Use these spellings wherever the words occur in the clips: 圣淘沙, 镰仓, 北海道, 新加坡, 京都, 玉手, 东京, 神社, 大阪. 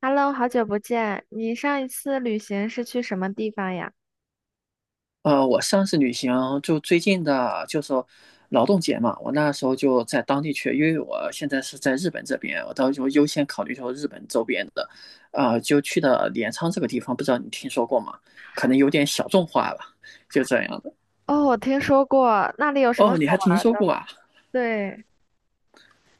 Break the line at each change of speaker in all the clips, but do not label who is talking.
Hello，好久不见。你上一次旅行是去什么地方呀？
我上次旅行就最近的，就是劳动节嘛，我那时候就在当地去，因为我现在是在日本这边，我到时候优先考虑说日本周边的，就去的镰仓这个地方，不知道你听说过吗？可能有点小众化了，就这样的。
哦，我听说过，那里有什么
哦，你
好
还
玩
听
儿
说
的？
过啊？
对，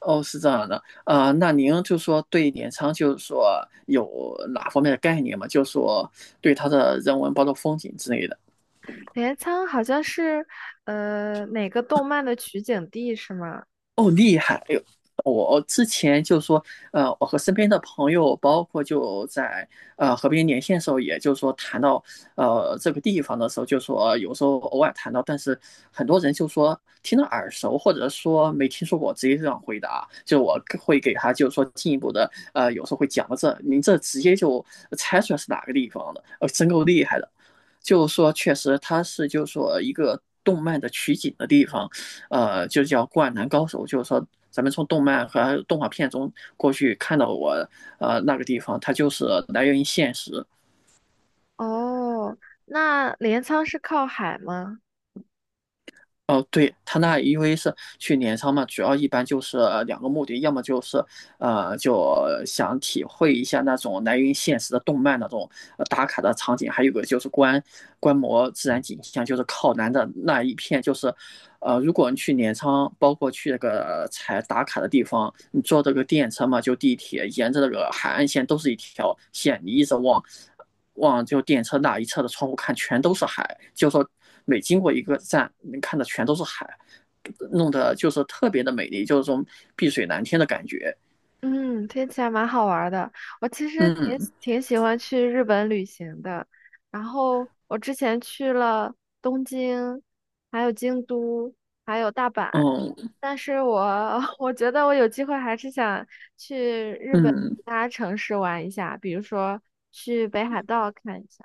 哦，是这样的，那您就说对镰仓就是说有哪方面的概念吗？就说对它的人文，包括风景之类的。
镰仓好像是哪个动漫的取景地是吗？
我之前就说，我和身边的朋友，包括就在和别人连线的时候，也就是说谈到这个地方的时候，就说有时候偶尔谈到，但是很多人就说听着耳熟，或者说没听说过，直接这样回答，就我会给他就是说进一步的，有时候会讲到这，您这直接就猜出来是哪个地方的，真够厉害的。就是说，确实它是就是说一个动漫的取景的地方，就叫《灌篮高手》，就是说咱们从动漫和动画片中过去看到我那个地方，它就是来源于现实。
哦，那镰仓是靠海吗？
哦，对，他那因为是去镰仓嘛，主要一般就是两个目的，要么就是就想体会一下那种来源于现实的动漫那种打卡的场景，还有个就是观摩自然景象，就是靠南的那一片，就是如果你去镰仓，包括去那个才打卡的地方，你坐这个电车嘛，就地铁，沿着那个海岸线都是一条线，你一直往就电车那一侧的窗户看，全都是海。就说每经过一个站，你看的全都是海，弄得就是特别的美丽，就是说碧水蓝天的感觉。
嗯，听起来蛮好玩儿的。我其实挺
嗯
喜挺喜欢去日本旅行的，然后我之前去了东京，还有京都，还有大阪。
嗯
但是我 我觉得我有机会还是想去日本
嗯。
其他城市玩一下，比如说去北海道看一下。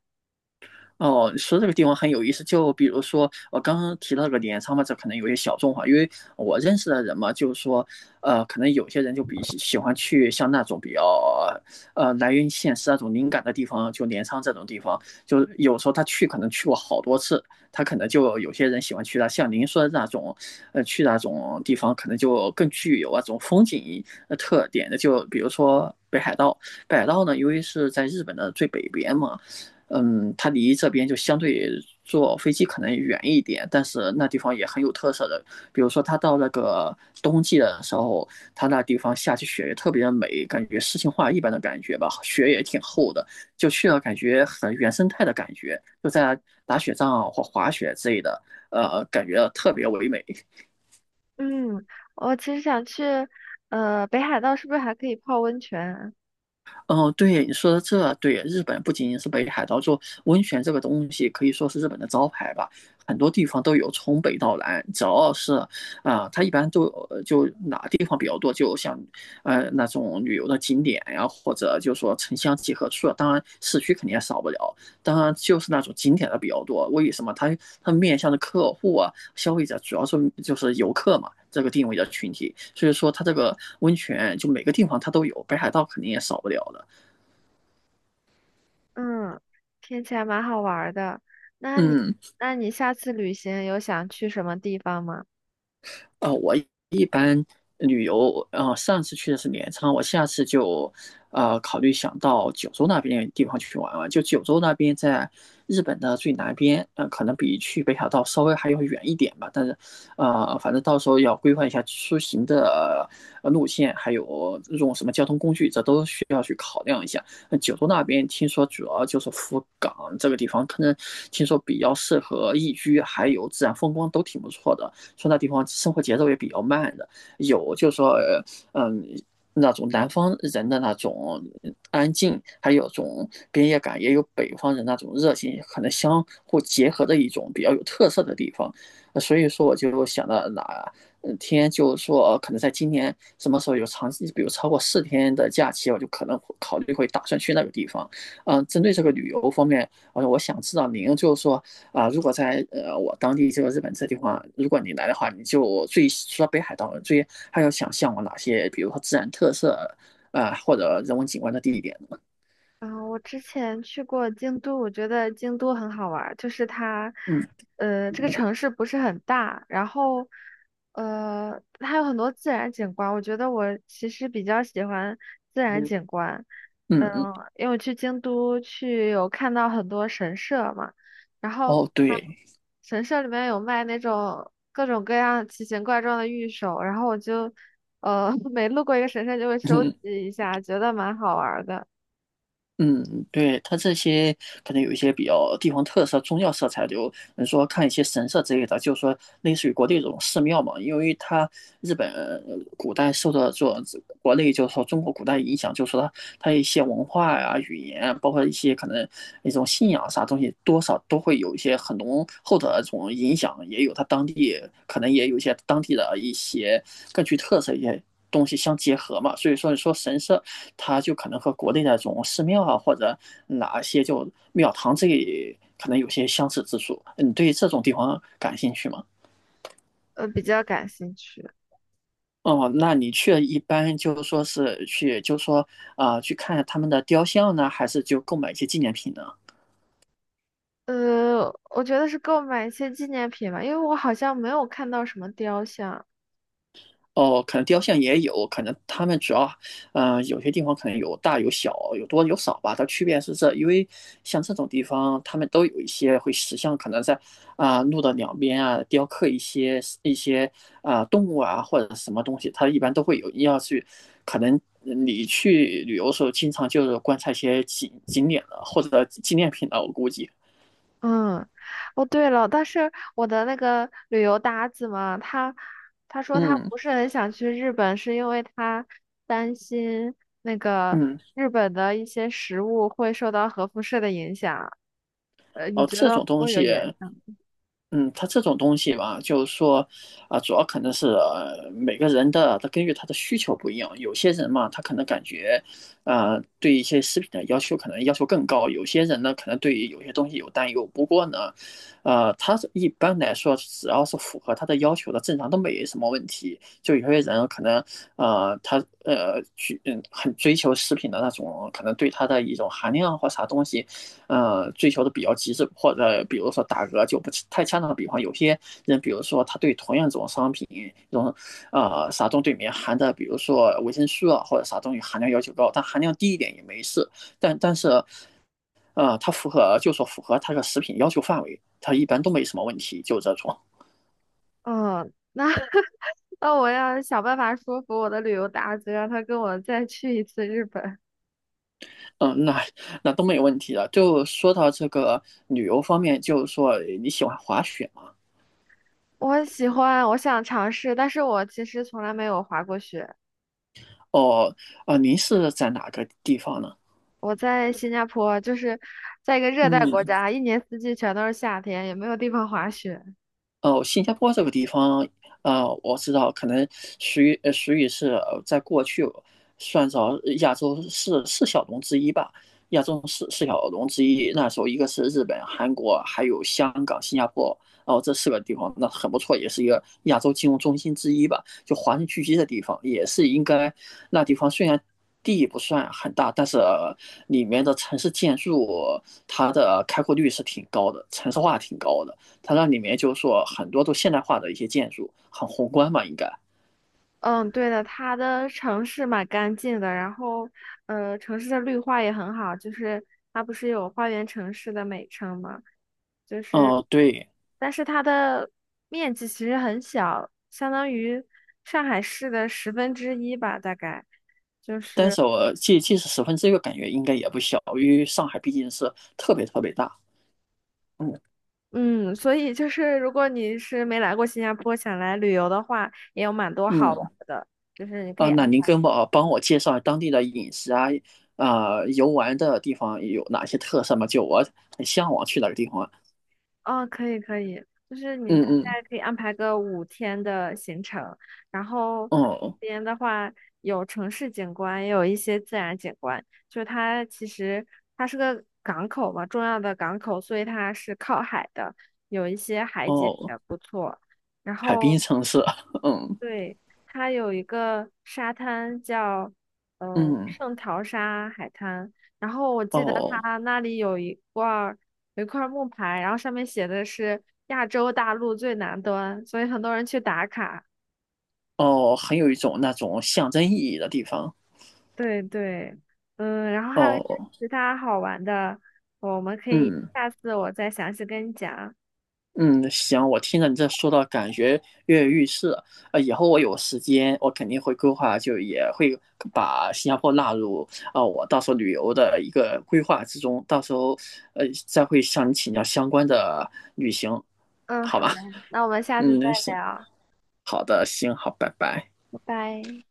哦，你说这个地方很有意思，就比如说我刚刚提到这个镰仓嘛，这可能有些小众化，因为我认识的人嘛，就是说，可能有些人就比喜欢去像那种比较来源于现实那种灵感的地方，就镰仓这种地方，就有时候他去可能去过好多次，他可能就有些人喜欢去那，像您说的那种，去那种地方可能就更具有那种风景特点的，就比如说北海道，北海道呢，由于是在日本的最北边嘛。嗯，它离这边就相对坐飞机可能远一点，但是那地方也很有特色的。比如说，它到那个冬季的时候，它那地方下起雪也特别美，感觉诗情画意般的感觉吧，雪也挺厚的，就去了感觉很原生态的感觉，就在打雪仗啊或滑雪之类的，感觉特别唯美。
嗯，我其实想去，北海道是不是还可以泡温泉？
哦，对，你说的这对，日本不仅仅是北海道，就温泉这个东西可以说是日本的招牌吧，很多地方都有，从北到南，只要是它一般都有就哪地方比较多，就像那种旅游的景点呀，或者就说城乡结合处，当然市区肯定也少不了，当然就是那种景点的比较多。为什么？它它面向的客户啊，消费者主要是就是游客嘛，这个定位的群体。所以说它这个温泉就每个地方它都有，北海道肯定也少不了的。
嗯，听起来蛮好玩儿的。那你，
嗯，
那你下次旅行有想去什么地方吗？
我一般旅游，上次去的是镰仓，我下次就，考虑想到九州那边地方去玩玩。就九州那边在日本的最南边，可能比去北海道稍微还要远一点吧。但是，反正到时候要规划一下出行的路线，还有用什么交通工具，这都需要去考量一下。那九州那边听说主要就是福冈这个地方，可能听说比较适合宜居，还有自然风光都挺不错的。说那地方生活节奏也比较慢的，有就是说嗯那种南方人的那种安静，还有种边界感，也有北方人那种热情，可能相互结合的一种比较有特色的地方。所以说，我就想到哪天就说可能在今年什么时候有长，比如超过四天的假期，我就可能考虑会打算去那个地方。嗯，针对这个旅游方面，我想知道您就是说如果在我当地这个日本这地方，如果你来的话，你就最除了北海道，最还要想向往哪些，比如说自然特色或者人文景观的地点呢？
啊，我之前去过京都，我觉得京都很好玩儿，就是它，
嗯
这个城市不是很大，然后，它有很多自然景观，我觉得我其实比较喜欢自然
嗯
景观。嗯，
嗯嗯。
因为我去京都去有看到很多神社嘛，然后
哦，对。
神社里面有卖那种各种各样奇形怪状的玉手，然后我就，每路过一个神社就会 收集
嗯
一下，觉得蛮好玩儿的。
嗯。对，它这些可能有一些比较地方特色、宗教色彩，就你说看一些神社之类的，就是说类似于国内这种寺庙嘛，因为它日本古代受到这种国内就是说中国古代影响，就是说它它一些文化呀、语言，包括一些可能一种信仰啥东西，多少都会有一些很浓厚的这种影响，也有它当地可能也有一些当地的一些更具特色一些东西相结合嘛，所以说你说神社。它就可能和国内那种寺庙啊或者哪些就庙堂这里可能有些相似之处。你对这种地方感兴趣吗？
呃比较感兴趣。
哦，那你去一般就是说是去，就是说去看他们的雕像呢，还是就购买一些纪念品呢？
呃，我觉得是购买一些纪念品吧，因为我好像没有看到什么雕像。
哦，可能雕像也有，可能他们主要，有些地方可能有大有小，有多有少吧。它区别是这，因为像这种地方，他们都有一些会石像，可能在路的两边啊雕刻一些动物啊或者什么东西，它一般都会有要去，可能你去旅游的时候，经常就是观察一些景点的或者纪念品的，我估计。
嗯，哦对了，但是我的那个旅游搭子嘛，他说他
嗯
不是很想去日本，是因为他担心那个
嗯。
日本的一些食物会受到核辐射的影响。呃，你
哦，
觉
这
得
种东
会有
西
影响吗？
嗯，它这种东西吧，就是说，主要可能是、每个人的，他根据他的需求不一样。有些人嘛，他可能感觉，对一些食品的要求可能要求更高；有些人呢，可能对于有些东西有担忧。不过呢，他是一般来说，只要是符合他的要求的，正常都没什么问题。就有些人可能，他去很追求食品的那种，可能对它的一种含量或啥东西。追求的比较极致，或者比如说打个就不太恰当的比方，有些人，比如说他对同样这种商品，这种啥东西里面含的，比如说维生素啊或者啥东西含量要求高，但含量低一点也没事，但是它符合就说符合它的食品要求范围，它一般都没什么问题，就这种。
嗯，那 那我要想办法说服我的旅游搭子，让他跟我再去一次日本。
嗯，那都没有问题的。就说到这个旅游方面，就是说你喜欢滑雪吗？
我喜欢，我想尝试，但是我其实从来没有滑过雪。
哦，您是在哪个地方呢？
我在新加坡，就是在一个热带国
嗯。
家，一年四季全都是夏天，也没有地方滑雪。
哦，新加坡这个地方，我知道，可能属于是在过去算着亚洲四小龙之一吧，亚洲四小龙之一。那时候一个是日本、韩国，还有香港、新加坡，哦，这四个地方那很不错，也是一个亚洲金融中心之一吧，就华人聚集的地方，也是应该那地方虽然。地不算很大，但是里面的城市建筑，它的开阔率是挺高的，城市化挺高的。它那里面就是说很多都现代化的一些建筑，很宏观嘛，应该。
嗯，对的，它的城市蛮干净的，然后城市的绿化也很好，就是它不是有花园城市的美称吗？就是，
哦，嗯，对，
但是它的面积其实很小，相当于上海市的十分之一吧，大概。就
但
是
是我即使十分之一个感觉应该也不小，因为上海毕竟是特别特别大。嗯
嗯，所以就是如果你是没来过新加坡，想来旅游的话，也有蛮多好玩
嗯。
儿的，就是你可以
啊，那
安
您
排，
跟我帮我介绍当地的饮食啊，游玩的地方有哪些特色吗？就我很向往去哪个地方啊。
哦，可以可以，就是你
嗯
大
嗯。
概可以安排个5天的行程，然后
哦
这边的话有城市景观，也有一些自然景观，就是它其实它是个港口嘛，重要的港口，所以它是靠海的，有一些海景
哦，
也不错。然
海
后
滨城市。嗯
对，它有一个沙滩叫
嗯。
圣淘沙海滩，然后我记得
哦
它那里有一块儿木牌，然后上面写的是亚洲大陆最南端，所以很多人去打卡。
哦，很有一种那种象征意义的地方。
对对，嗯，然后还有一些
哦。
其他好玩的，我们可以
嗯。
下次我再详细跟你讲。
嗯，行，我听着你这说到，感觉跃跃欲试了。以后我有时间，我肯定会规划，就也会把新加坡纳入我到时候旅游的一个规划之中。到时候，再会向你请教相关的旅行，
嗯，
好
好的，
吧？
那我们下次再
嗯，行，
聊，
好的，行，好，拜拜。
拜拜。